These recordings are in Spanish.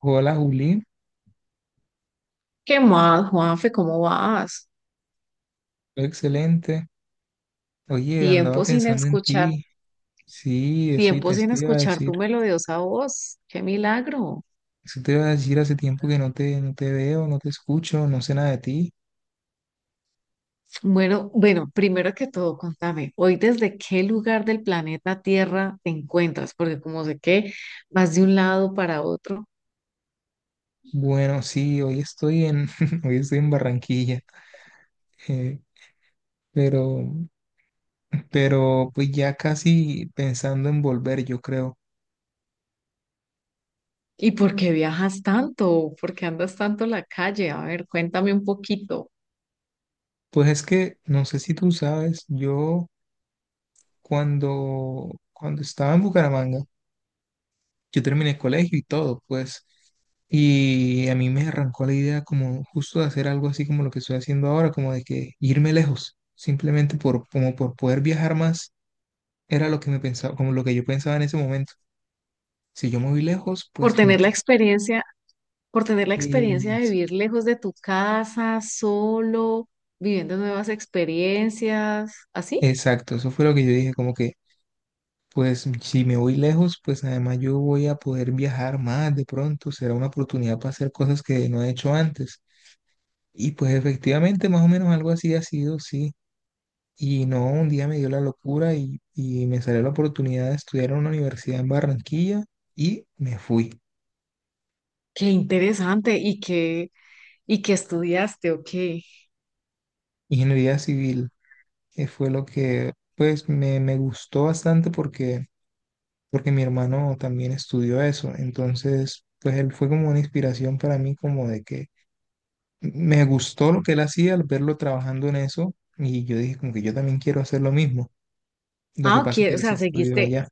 Hola Juli, ¿Qué más, Juanfe? ¿Cómo vas? todo excelente. Oye, andaba Tiempo sin pensando en escuchar, ti. Sí, eso y tiempo te, sin te iba a escuchar decir. tu melodiosa voz. ¡Qué milagro! Eso te iba a decir, hace tiempo que no te veo, no te escucho, no sé nada de ti. Bueno, primero que todo, contame, hoy desde qué lugar del planeta Tierra te encuentras, porque como sé que vas de un lado para otro. Bueno, sí, hoy estoy en, hoy estoy en Barranquilla. eh, pero, pero pues ya casi pensando en volver, yo creo. ¿Y por qué viajas tanto? ¿Por qué andas tanto en la calle? A ver, cuéntame un poquito. Pues es que no sé si tú sabes, yo cuando estaba en Bucaramanga, yo terminé el colegio y todo, pues. Y a mí me arrancó la idea como justo de hacer algo así como lo que estoy haciendo ahora, como de que irme lejos, simplemente por, como por poder viajar más, era lo que me pensaba, como lo que yo pensaba en ese momento. Si yo me voy lejos, ¿Por pues como tener la que... experiencia por tener la experiencia de es- vivir lejos de tu casa, solo, viviendo nuevas experiencias, así? Exacto, eso fue lo que yo dije, como que, pues si me voy lejos, pues además yo voy a poder viajar más, de pronto será una oportunidad para hacer cosas que no he hecho antes. Y pues efectivamente, más o menos algo así ha sido, sí. Y no, un día me dio la locura y me salió la oportunidad de estudiar en una universidad en Barranquilla y me fui. Qué interesante. ¿Y qué estudiaste o qué? Ingeniería civil, que fue lo que pues me gustó bastante porque, porque mi hermano también estudió eso. Entonces, pues él fue como una inspiración para mí, como de que me gustó lo que él hacía al verlo trabajando en eso y yo dije como que yo también quiero hacer lo mismo. Lo Ah, que pasa es que ok, o él sí sea, estudió seguiste, allá.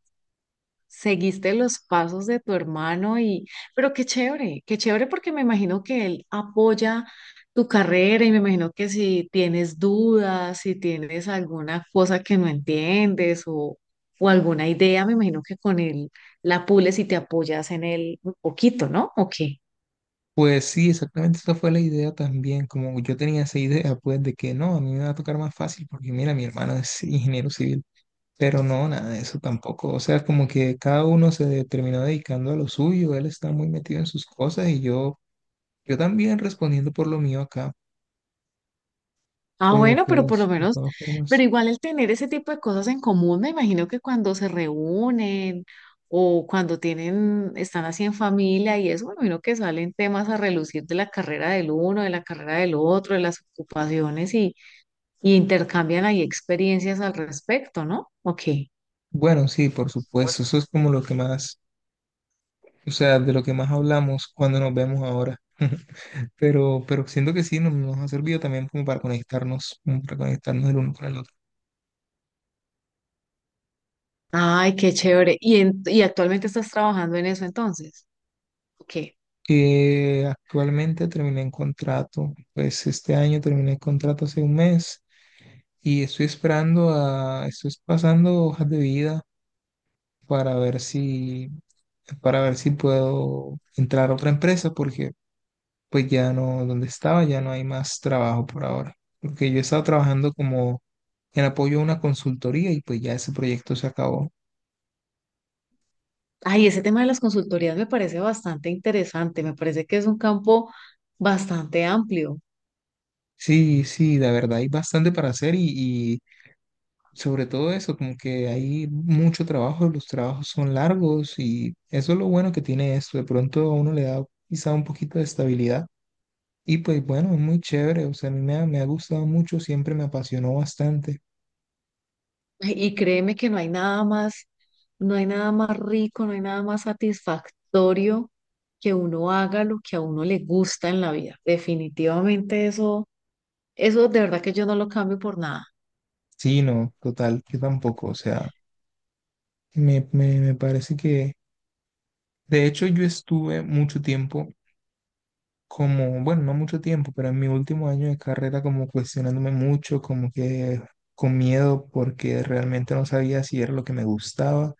Seguiste los pasos de tu hermano. Y, pero qué chévere, qué chévere, porque me imagino que él apoya tu carrera y me imagino que si tienes dudas, si tienes alguna cosa que no entiendes o alguna idea, me imagino que con él la pules y te apoyas en él un poquito, ¿no? Ok. Pues sí, exactamente esa fue la idea también, como yo tenía esa idea, pues de que no, a mí me va a tocar más fácil porque mira, mi hermano es ingeniero civil, pero no, nada de eso tampoco, o sea, como que cada uno se terminó dedicando a lo suyo, él está muy metido en sus cosas y yo también respondiendo por lo mío acá, Ah, pero bueno, pero por lo pues de menos, todas pero formas, igual el tener ese tipo de cosas en común, me imagino que cuando se reúnen o cuando tienen, están así en familia y eso, me imagino que salen temas a relucir de la carrera del uno, de la carrera del otro, de las ocupaciones, y intercambian ahí experiencias al respecto, ¿no? Ok. bueno, sí, por supuesto, eso es como lo que más, o sea, de lo que más hablamos cuando nos vemos ahora. Pero siento que sí, nos ha servido también como para conectarnos el uno con el otro. Ay, qué chévere. ¿ Y actualmente estás trabajando en eso entonces? Ok. Actualmente terminé en contrato, pues este año terminé el contrato hace un mes y estoy esperando a, estoy pasando hojas de vida para ver si, para ver si puedo entrar a otra empresa porque pues ya no, donde estaba ya no hay más trabajo por ahora, porque yo he estado trabajando como en apoyo a una consultoría y pues ya ese proyecto se acabó. Ay, ese tema de las consultorías me parece bastante interesante, me parece que es un campo bastante amplio. Sí, sí, la verdad hay bastante para hacer y, sobre todo eso, como que hay mucho trabajo, los trabajos son largos y eso es lo bueno que tiene esto. De pronto a uno le da quizá un poquito de estabilidad y pues bueno, es muy chévere. O sea, a mí me ha gustado mucho, siempre me apasionó bastante. Y créeme que no hay nada más, no hay nada más rico, no hay nada más satisfactorio que uno haga lo que a uno le gusta en la vida. Definitivamente eso, eso de verdad que yo no lo cambio por nada. Sí, no, total, yo tampoco. O sea, me parece que, de hecho, yo estuve mucho tiempo como, bueno, no mucho tiempo, pero en mi último año de carrera como cuestionándome mucho, como que con miedo porque realmente no sabía si era lo que me gustaba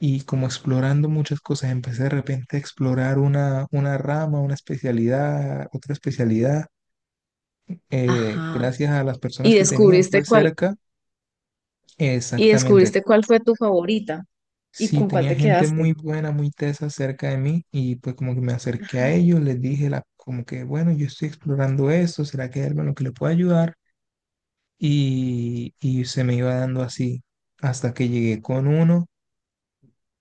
y como explorando muchas cosas. Empecé de repente a explorar una rama, una especialidad, otra especialidad, Ajá. gracias a las personas Y que tenía descubriste pues cuál, cerca. y Exactamente. descubriste cuál fue tu favorita y Sí, con cuál tenía te gente quedaste. muy buena, muy tesa cerca de mí y pues como que me acerqué a Ajá. ellos, les dije la, como que, bueno, yo estoy explorando esto, ¿será que hay algo en lo que le pueda ayudar? Y se me iba dando así hasta que llegué con uno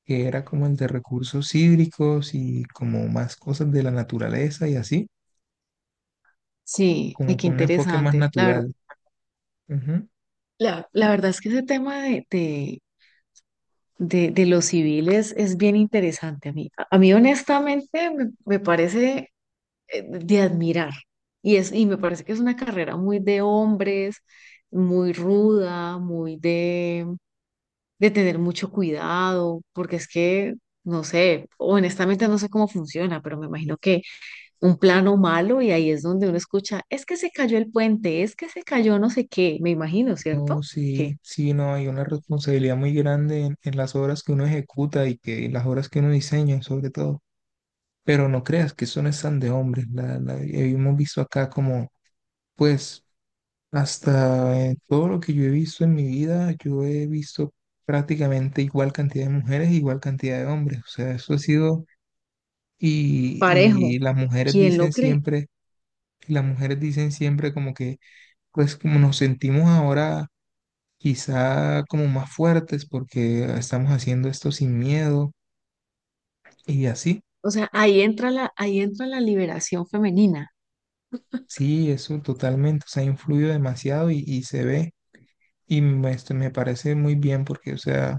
que era como el de recursos hídricos y como más cosas de la naturaleza y así, Sí, y como qué con un enfoque más interesante. La verdad, natural. Ujú. la, la verdad es que ese tema de los civiles es bien interesante a mí, honestamente, me parece, de admirar. Y es, y me parece que es una carrera muy de hombres, muy ruda, muy de tener mucho cuidado, porque es que, no sé, honestamente no sé cómo funciona, pero me imagino que un plano malo y ahí es donde uno escucha, es que se cayó el puente, es que se cayó no sé qué, me imagino, ¿cierto? No, Que sí, sí, no, hay una responsabilidad muy grande en las obras que uno ejecuta y que y las obras que uno diseña, sobre todo. Pero no creas que eso no es tan de hombres. Hemos visto acá como, pues, hasta todo lo que yo he visto en mi vida, yo he visto prácticamente igual cantidad de mujeres, igual cantidad de hombres. O sea, eso ha sido. Y, parejo, y las mujeres quién lo dicen cree? siempre, y las mujeres dicen siempre como que, pues como nos sentimos ahora quizá como más fuertes porque estamos haciendo esto sin miedo y así. O sea, ahí entra la liberación femenina. Sí, eso totalmente, o sea, ha influido demasiado y se ve y me, este, me parece muy bien porque, o sea,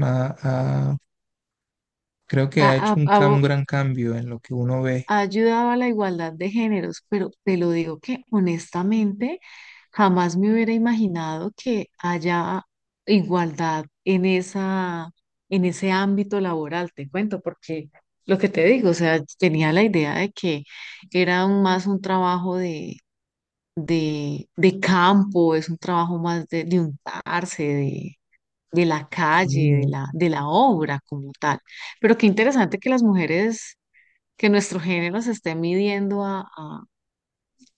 ma- ha- creo que A, ha a- hecho un, un a- gran cambio en lo que uno ve. Ha ayudado a la igualdad de géneros, pero te lo digo que honestamente jamás me hubiera imaginado que haya igualdad en esa, en ese ámbito laboral, te cuento, porque lo que te digo, o sea, tenía la idea de que era un- más un trabajo de campo, es un trabajo más de untarse, de, de la Y calle, de no, la, de la obra como tal. Pero qué interesante que las mujeres, que nuestro género se esté midiendo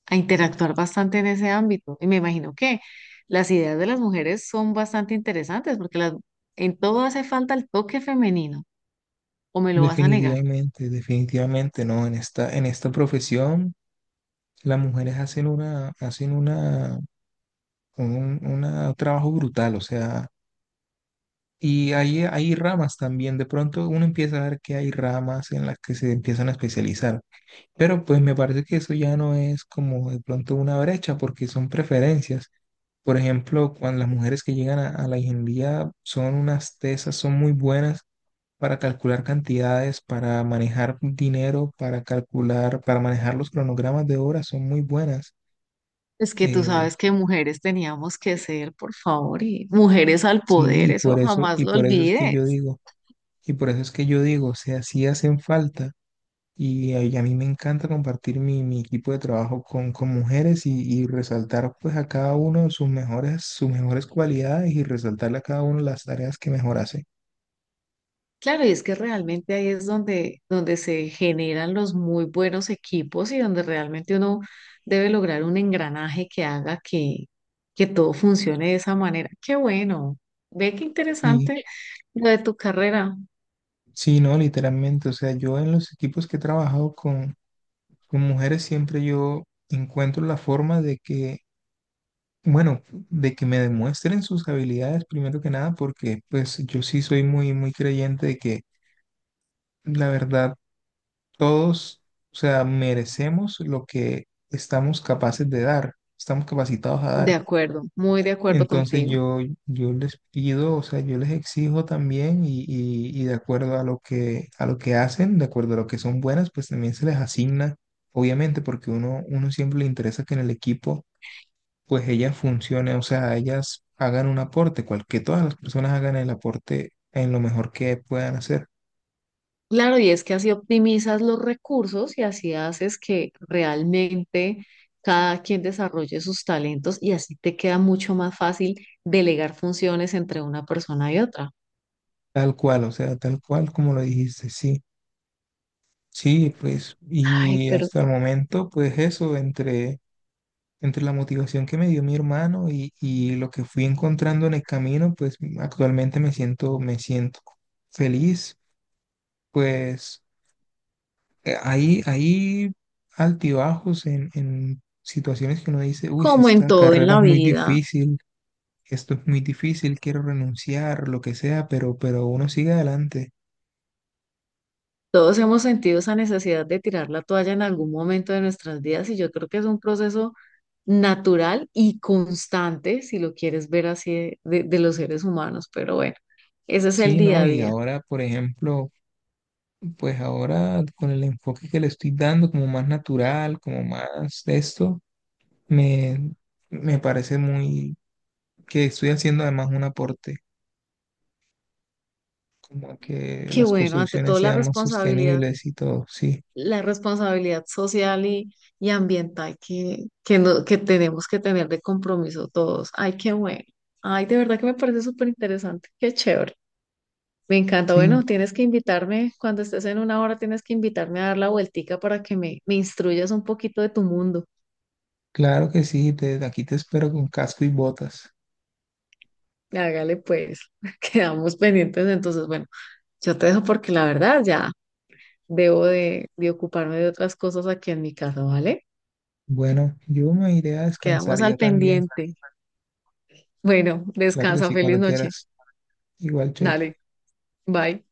a interactuar bastante en ese ámbito. Y me imagino que las ideas de las mujeres son bastante interesantes porque las, en todo hace falta el toque femenino, o me lo vas a negar. definitivamente, definitivamente, no, en esta profesión. Las mujeres hacen una un trabajo brutal, o sea, y hay ramas también, de pronto uno empieza a ver que hay ramas en las que se empiezan a especializar, pero pues me parece que eso ya no es como de pronto una brecha, porque son preferencias. Por ejemplo, cuando las mujeres que llegan a la ingeniería son unas tesas, son muy buenas para calcular cantidades, para manejar dinero, para calcular, para manejar los cronogramas de obra, son muy buenas. Es que tú Eh, sabes que mujeres teníamos que ser, por favor, y mujeres al Sí, poder, eso jamás y lo por eso es que yo olvides. digo, y por eso es que yo digo, o sea, sí hacen falta, y a mí me encanta compartir mi, mi equipo de trabajo con mujeres y resaltar pues a cada uno sus mejores cualidades y resaltarle a cada uno las tareas que mejor hace. Claro, y es que realmente ahí es donde, donde se generan los muy buenos equipos y donde realmente uno debe lograr un engranaje que haga que todo funcione de esa manera. Qué bueno. Ve qué Sí, interesante lo de tu carrera. sí, no, literalmente, o sea, yo en los equipos que he trabajado con mujeres siempre yo encuentro la forma de que bueno, de que me demuestren sus habilidades primero que nada, porque pues yo sí soy muy, muy creyente de que la verdad todos, o sea, merecemos lo que estamos capaces de dar, estamos capacitados a De dar. acuerdo, muy de acuerdo Entonces contigo. yo les pido, o sea, yo les exijo también y de acuerdo a lo que hacen, de acuerdo a lo que son buenas, pues también se les asigna, obviamente, porque uno, uno siempre le interesa que en el equipo pues ellas funcionen, o sea, ellas hagan un aporte, cual, que todas las personas hagan el aporte en lo mejor que puedan hacer, Claro, y es que así optimizas los recursos y así haces que realmente cada quien desarrolle sus talentos, y así te queda mucho más fácil delegar funciones entre una persona y otra. tal cual, o sea, tal cual como lo dijiste, sí, sí, pues, Ay, y pero hasta el momento, pues eso, entre, entre la motivación que me dio mi hermano y lo que fui encontrando en el camino, pues actualmente me siento feliz, pues ahí, ahí altibajos en situaciones que uno dice, uy, como en esta todo en carrera la es muy vida, difícil, esto es muy difícil, quiero renunciar, lo que sea, pero uno sigue adelante. todos hemos sentido esa necesidad de tirar la toalla en algún momento de nuestras vidas, y yo creo que es un proceso natural y constante, si lo quieres ver así, de los seres humanos, pero bueno, ese es el Sí, día ¿no? a Y día. ahora, por ejemplo, pues ahora con el enfoque que le estoy dando, como más natural, como más de esto, me, me parece muy que estoy haciendo además un aporte, como a que Qué las bueno, ante construcciones todo sean más sostenibles y todo. Sí, la responsabilidad social y ambiental que, no- que tenemos que tener de compromiso todos. Ay, qué bueno. Ay, de verdad que me parece súper interesante. Qué chévere. Me encanta. sí, Bueno, tienes que invitarme, cuando estés en una hora, tienes que invitarme a dar la vueltica para que me instruyas un poquito de tu mundo. claro que sí, te, aquí te espero con casco y botas. Hágale pues, quedamos pendientes. Entonces, bueno, yo te dejo porque la verdad ya debo de ocuparme de otras cosas aquí en mi casa, ¿vale? Bueno, yo me iré a descansar Quedamos al ya también. pendiente. Bueno, Claro que descansa, sí, cuando feliz noche. quieras. Igual, chaito. Dale, bye.